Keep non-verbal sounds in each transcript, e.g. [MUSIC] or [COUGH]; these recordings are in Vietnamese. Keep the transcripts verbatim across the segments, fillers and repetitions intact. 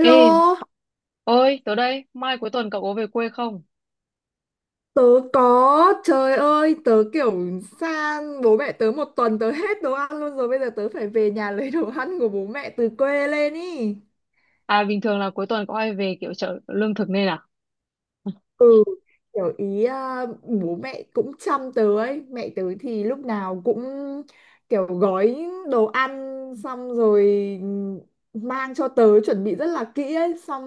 Ê, ơi, tớ đây, mai cuối tuần cậu có về quê không? tớ có, trời ơi, tớ kiểu sang bố mẹ tớ một tuần tớ hết đồ ăn luôn rồi, bây giờ tớ phải về nhà [LAUGHS] lấy đồ ăn của bố mẹ từ quê lên ý. À, bình thường là cuối tuần có hay về kiểu chợ lương thực nên à? Ừ, kiểu ý à, bố mẹ cũng chăm tớ ấy, mẹ tớ thì lúc nào cũng kiểu gói đồ ăn xong rồi mang cho tớ, chuẩn bị rất là kỹ ấy, xong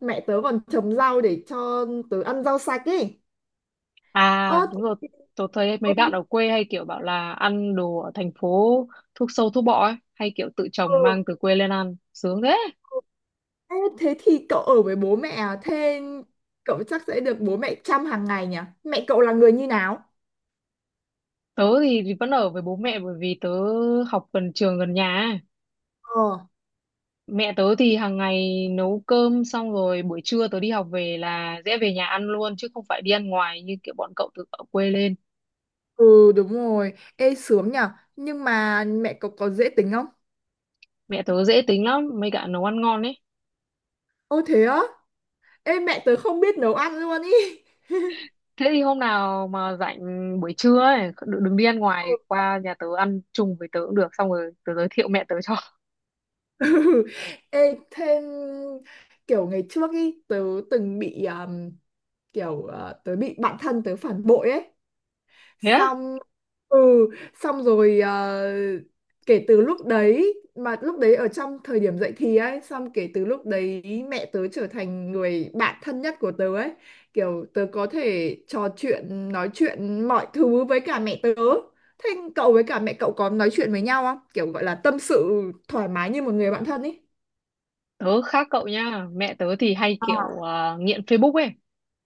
mẹ tớ còn trồng rau để cho tớ ăn rau sạch ấy. Ơ, À, đúng rồi, tớ thấy mấy bạn ở quê hay kiểu bảo là ăn đồ ở thành phố thuốc sâu thuốc bọ ấy, hay kiểu tự trồng ừ. mang từ quê lên ăn, sướng thế. Ê, thế thì cậu ở với bố mẹ à? Thế cậu chắc sẽ được bố mẹ chăm hàng ngày nhỉ? Mẹ cậu là người như nào? Tớ thì thì vẫn ở với bố mẹ bởi vì tớ học gần trường gần nhà ấy. Ờ, Mẹ tớ thì hàng ngày nấu cơm xong rồi buổi trưa tớ đi học về là dễ về nhà ăn luôn chứ không phải đi ăn ngoài như kiểu bọn cậu từ ở quê lên. ừ đúng rồi. Ê sướng nhỉ? Nhưng mà mẹ cậu có dễ tính không? Mẹ tớ dễ tính lắm, mấy cả nấu ăn ngon ấy. Ô thế á? Ê mẹ tớ không biết nấu ăn luôn ý. [LAUGHS] Thế thì hôm nào mà rảnh buổi trưa ấy đừng đừng đi ăn ngoài qua nhà tớ ăn chung với tớ cũng được, xong rồi tớ giới thiệu mẹ tớ cho. Ừ. Ê thêm kiểu ngày trước ý tớ từng bị um, kiểu uh, tớ bị bạn thân tớ phản bội ấy. [LAUGHS] Thế á? Xong ừ xong rồi ờ, kể từ lúc đấy, mà lúc đấy ở trong thời điểm dậy thì ấy, xong kể từ lúc đấy mẹ tớ trở thành người bạn thân nhất của tớ ấy, kiểu tớ có thể trò chuyện nói chuyện mọi thứ với cả mẹ tớ. Thế cậu với cả mẹ cậu có nói chuyện với nhau không, kiểu gọi là tâm sự thoải mái như một người bạn thân ấy? Tớ khác cậu nha, mẹ tớ thì hay kiểu à, nghiện Facebook ấy,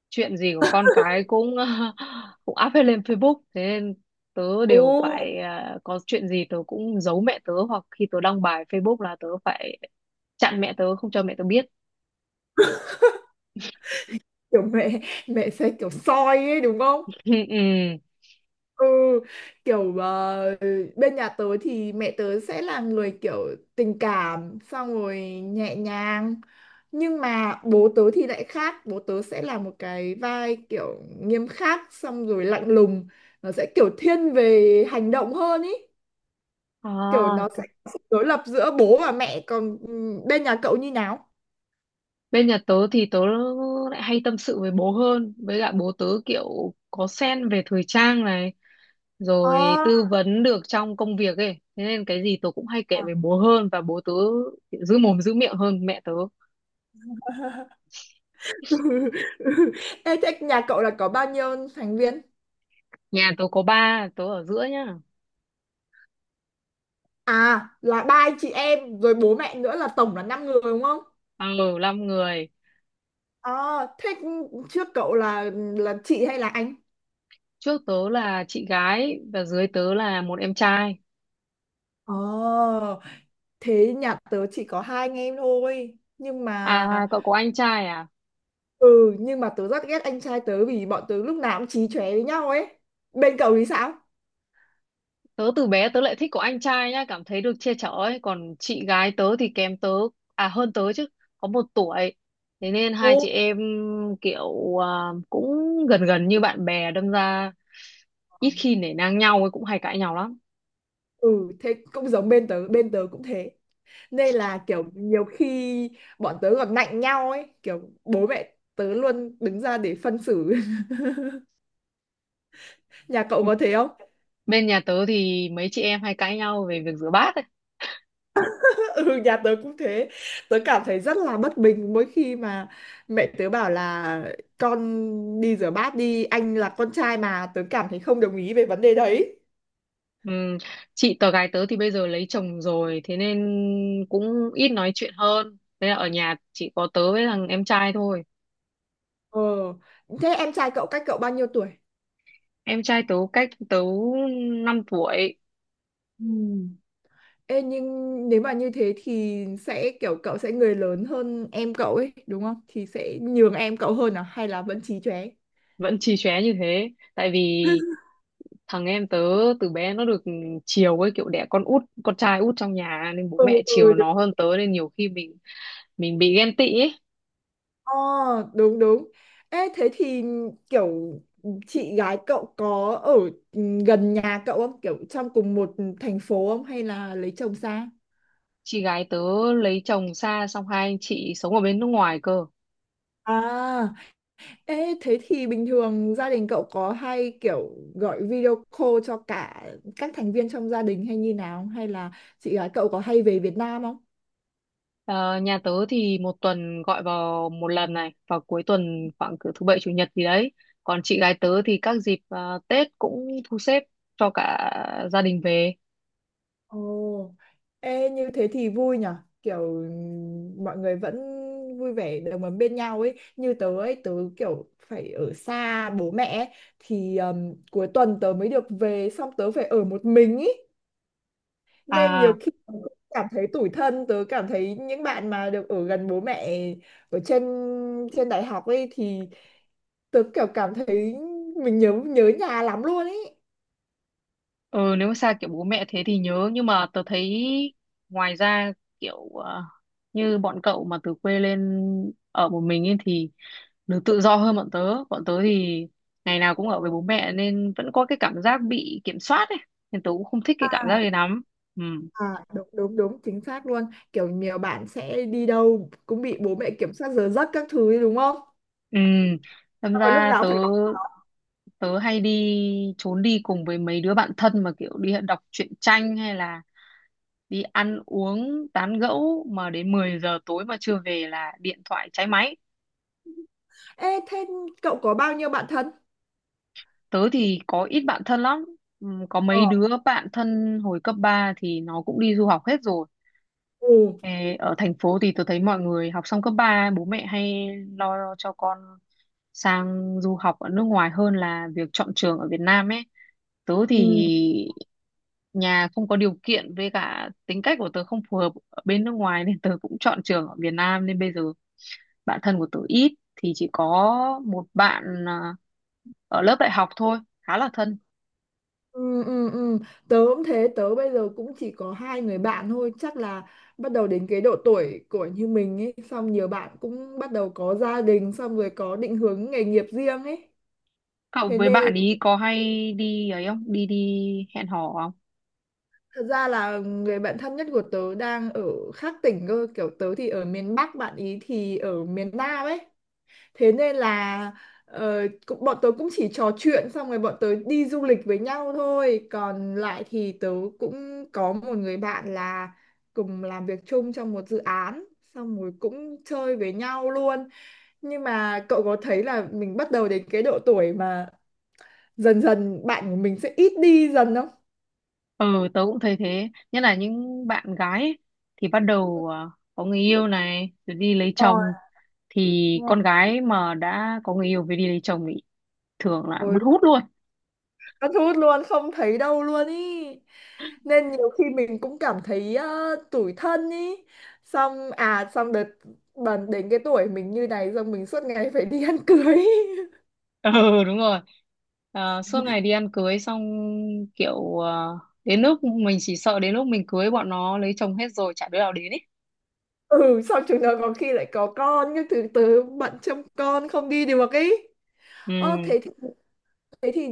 chuyện gì của con cái cũng [LAUGHS] cũng up hết lên Facebook, thế nên tớ đều Ồ, phải à, có chuyện gì tớ cũng giấu mẹ tớ, hoặc khi tớ đăng bài Facebook là tớ phải chặn mẹ tớ không cho mẹ tớ biết. kiểu mẹ mẹ sẽ kiểu soi ấy đúng không? [LAUGHS] Ừ, ừ. Ừ, kiểu ờ, bên nhà tớ thì mẹ tớ sẽ là người kiểu tình cảm, xong rồi nhẹ nhàng, nhưng mà bố tớ thì lại khác, bố tớ sẽ là một cái vai kiểu nghiêm khắc, xong rồi lạnh lùng, nó sẽ kiểu thiên về hành động hơn ý, kiểu À, nó sẽ có sự đối lập giữa bố và mẹ. Còn ừ, bên nhà cậu như nào? bên nhà tớ thì tớ lại hay tâm sự với bố hơn. Với cả bố tớ kiểu có sen về thời trang này. Rồi À. tư vấn được trong công việc ấy. Thế nên cái gì tớ cũng hay kể với bố hơn. Và bố tớ kiểu giữ mồm giữ miệng hơn mẹ tớ. [LAUGHS] Ê, thế nhà cậu là có bao nhiêu thành viên? Nhà tớ có ba, tớ ở giữa nhá. À là ba anh chị em rồi bố mẹ nữa là tổng là năm người đúng không? Ừ, năm người. Ờ thế trước cậu là là chị hay là anh? Trước tớ là chị gái và dưới tớ là một em trai. Ờ thế nhà tớ chỉ có hai anh em thôi nhưng mà À, cậu có anh trai à? ừ nhưng mà tớ rất ghét anh trai tớ vì bọn tớ lúc nào cũng chí chóe với nhau ấy. Bên cậu thì sao? Tớ từ bé tớ lại thích của anh trai nhá, cảm thấy được che chở ấy. Còn chị gái tớ thì kém tớ, à hơn tớ chứ, có một tuổi. Thế nên Ồ. hai chị em kiểu à, cũng gần gần như bạn bè, đâm ra ít khi nể nang nhau ấy, cũng hay cãi nhau lắm. Ừ thế cũng giống bên tớ, bên tớ cũng thế, nên là kiểu nhiều khi bọn tớ còn nạnh nhau ấy, kiểu bố mẹ tớ luôn đứng ra để phân xử. [LAUGHS] Nhà cậu có thế không? Bên nhà tớ thì mấy chị em hay cãi nhau về việc rửa bát ấy. [LAUGHS] Ừ, nhà tớ cũng thế. Tớ cảm thấy rất là bất bình mỗi khi mà mẹ tớ bảo là con đi rửa bát đi, anh là con trai, mà tớ cảm thấy không đồng ý về vấn đề đấy. Ừm, Chị tớ gái tớ thì bây giờ lấy chồng rồi, thế nên cũng ít nói chuyện hơn. Thế là ở nhà chỉ có tớ với thằng em trai thôi. Ờ, thế em trai cậu cách cậu bao nhiêu tuổi? Em trai tớ cách tớ năm tuổi. Ừ. Ê, nhưng nếu mà như thế thì sẽ kiểu cậu sẽ người lớn hơn em cậu ấy, đúng không? Thì sẽ nhường em cậu hơn à hay là vẫn chí chóe? Vẫn chì chóe như thế tại vì [LAUGHS] thằng em tớ từ bé nó được chiều ấy, kiểu đẻ con út con trai út trong nhà nên bố Ừ, mẹ chiều ừ, nó hơn tớ, nên nhiều khi mình mình bị ghen tị ấy. ờ, đúng đúng. Ê, thế thì kiểu chị gái cậu có ở ừ, gần nhà cậu không? Kiểu trong cùng một thành phố không? Hay là lấy chồng xa? Chị gái tớ lấy chồng xa, xong hai anh chị sống ở bên nước ngoài cơ. À, ê, thế thì bình thường gia đình cậu có hay kiểu gọi video call cho cả các thành viên trong gia đình, hay như nào? Hay là chị gái cậu có hay về Việt Nam không? Ờ, nhà tớ thì một tuần gọi vào một lần này, vào cuối tuần khoảng cỡ thứ bảy chủ nhật gì đấy, còn chị gái tớ thì các dịp ờ, Tết cũng thu xếp cho cả gia đình về. Ồ, ê như thế thì vui nhở. Kiểu ừm, mọi người vẫn vui vẻ đồng ấm bên nhau ấy. Như tớ ấy, tớ kiểu phải ở xa bố mẹ ấy, thì ừm, cuối tuần tớ mới được về xong tớ phải ở một mình ấy. Nên nhiều À, khi tớ cũng cảm thấy tủi thân, tớ cảm thấy những bạn mà được ở gần bố mẹ ở trên trên đại học ấy thì tớ kiểu cảm thấy mình nhớ nhớ nhà lắm luôn ấy. ừ, nếu mà xa kiểu bố mẹ thế thì nhớ, nhưng mà tớ thấy ngoài ra kiểu ờ, như bọn cậu mà từ quê lên ở một mình ấy thì được tự do hơn bọn tớ, bọn tớ thì ngày nào cũng ở với bố mẹ nên vẫn có cái cảm giác bị kiểm soát ấy, nên tớ cũng không thích Ờ. cái cảm giác đấy lắm. Ừ, À, đúng đúng đúng, chính xác luôn, kiểu nhiều bạn sẽ đi đâu cũng bị bố mẹ kiểm soát giờ giấc các thứ ấy, đúng không? ừ, đâm Xong rồi lúc ra nào cũng tớ phải bảo. tớ hay đi trốn đi cùng với mấy đứa bạn thân, mà kiểu đi đọc truyện tranh hay là đi ăn uống tán gẫu mà đến mười giờ tối mà chưa về là điện thoại cháy máy. Ê thế cậu có bao nhiêu bạn thân? Tớ thì có ít bạn thân lắm. Ừm, có mấy Ờ đứa bạn thân hồi cấp ba thì nó cũng đi du học hết rồi. ừ Ê, ở thành phố thì tớ thấy mọi người học xong cấp ba bố mẹ hay lo cho con sang du học ở nước ngoài hơn là việc chọn trường ở Việt Nam ấy, tớ thì ừ nhà không có điều kiện với cả tính cách của tớ không phù hợp ở bên nước ngoài nên tớ cũng chọn trường ở Việt Nam, nên bây giờ bạn thân của tớ ít, thì chỉ có một bạn à, ở lớp đại học thôi khá là thân. ừ ừ ừ. Tớ cũng thế, tớ bây giờ cũng chỉ có hai người bạn thôi, chắc là bắt đầu đến cái độ tuổi của như mình ấy, xong nhiều bạn cũng bắt đầu có gia đình, xong rồi có định hướng nghề nghiệp riêng ấy, Cậu thế với nên. bạn ý có hay đi ấy không, đi đi hẹn hò không? Thật ra là người bạn thân nhất của tớ đang ở khác tỉnh cơ, kiểu tớ thì ở miền Bắc, bạn ý thì ở miền Nam ấy. Thế nên là ờ, cũng- bọn tớ cũng chỉ trò chuyện, xong rồi bọn tớ đi du lịch với nhau thôi. Còn lại thì tớ cũng có một người bạn là cùng làm việc chung trong một dự án, xong rồi cũng chơi với nhau luôn. Nhưng mà cậu có thấy là mình bắt đầu đến cái độ tuổi mà dần dần bạn của mình sẽ ít đi dần không? Ừ, tớ cũng thấy thế, nhất là những bạn gái ấy, thì bắt đầu à, có người yêu này rồi đi lấy Ờ, chồng, thì đúng con gái mà đã có người yêu về đi lấy chồng thì thường là rồi. mất hút luôn. Cắt hút luôn không thấy đâu luôn ý, nên nhiều khi mình cũng cảm thấy ờ, tủi thân ý, xong à xong đợt bần đến cái tuổi mình như này, xong mình suốt ngày phải đi ăn cưới [LAUGHS] ý. Ừ, đúng rồi. Ờ, suốt ngày đi ăn cưới xong kiểu ờ, đến lúc mình chỉ sợ đến lúc mình cưới bọn nó lấy chồng hết rồi chả đứa nào đến ấy. Ừ xong chúng nó có khi lại có con nhưng từ từ bận chăm con không đi được ý. Ừ. Ờ thế thì, thế thì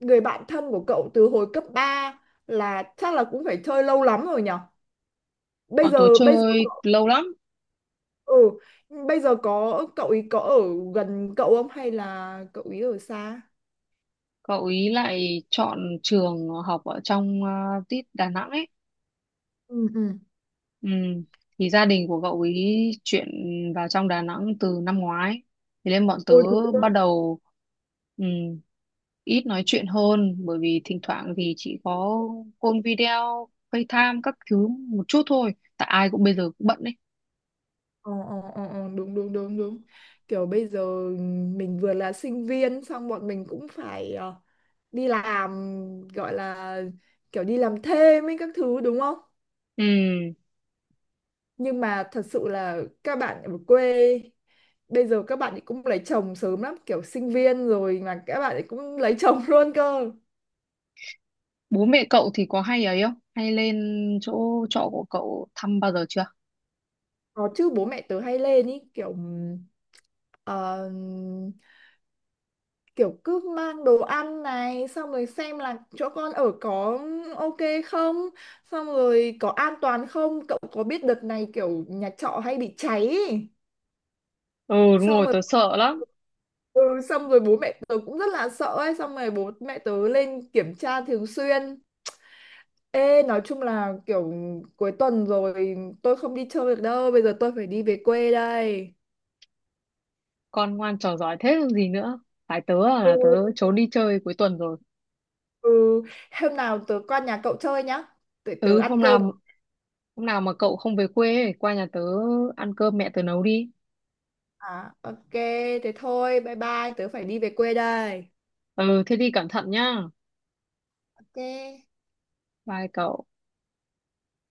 người bạn thân của cậu từ hồi cấp ba là chắc là cũng phải chơi lâu lắm rồi nhở. Bây Bọn tớ giờ bây giờ chơi lâu lắm. Ừ, bây giờ có cậu ý có ở gần cậu không hay là cậu ý ở xa? Cậu ý lại chọn trường học ở trong ờ, tít Đà Nẵng ấy. Ừ ừ. Ừ. Thì gia đình của cậu ý chuyển vào trong Đà Nẵng từ năm ngoái. Thế nên bọn tớ Ôi, thế cơ. bắt đầu ừ, ít nói chuyện hơn, bởi vì thỉnh thoảng thì chỉ có call video, FaceTime các thứ một chút thôi. Tại ai cũng bây giờ cũng bận đấy. Ờ, ờ, ờ, ờ, đúng đúng đúng đúng, kiểu bây giờ mình vừa là sinh viên xong bọn mình cũng phải ờ, đi làm, gọi là kiểu đi làm thêm ấy các thứ, đúng không? Ừ. Nhưng mà thật sự là các bạn ở quê bây giờ các bạn ấy cũng lấy chồng sớm lắm, kiểu sinh viên rồi mà các bạn ấy cũng lấy chồng [LAUGHS] luôn cơ. Bố mẹ cậu thì có hay ấy không? Hay lên chỗ trọ của cậu thăm bao giờ chưa? Có chứ, bố mẹ tớ hay lên ý, kiểu ừm, ờ, kiểu cứ mang đồ ăn này, xong rồi xem là chỗ con ở có ô kê không, xong rồi có an toàn không, cậu có biết đợt này kiểu nhà trọ hay bị cháy ý. Ừ, đúng Xong rồi, rồi tớ sợ lắm. ừ, xong rồi bố mẹ tớ cũng rất là sợ ấy, xong rồi bố mẹ tớ lên kiểm tra thường xuyên. Ê, nói chung là kiểu cuối tuần rồi tôi không đi chơi được đâu, bây giờ tôi phải đi về quê đây. Con ngoan trò giỏi thế còn gì nữa. Phải tớ à, Ừ. là tớ trốn đi chơi cuối tuần rồi. Ừ, hôm nào tớ qua nhà cậu chơi nhá. Tớ, tớ Ừ, ăn hôm cơm. nào Hôm nào mà cậu không về quê ấy, qua nhà tớ ăn cơm mẹ tớ nấu đi. À, ô kê, thế thôi, bye bye, tớ phải đi về quê đây. Ừ, thế đi cẩn thận nhá. ô kê. Bye cậu.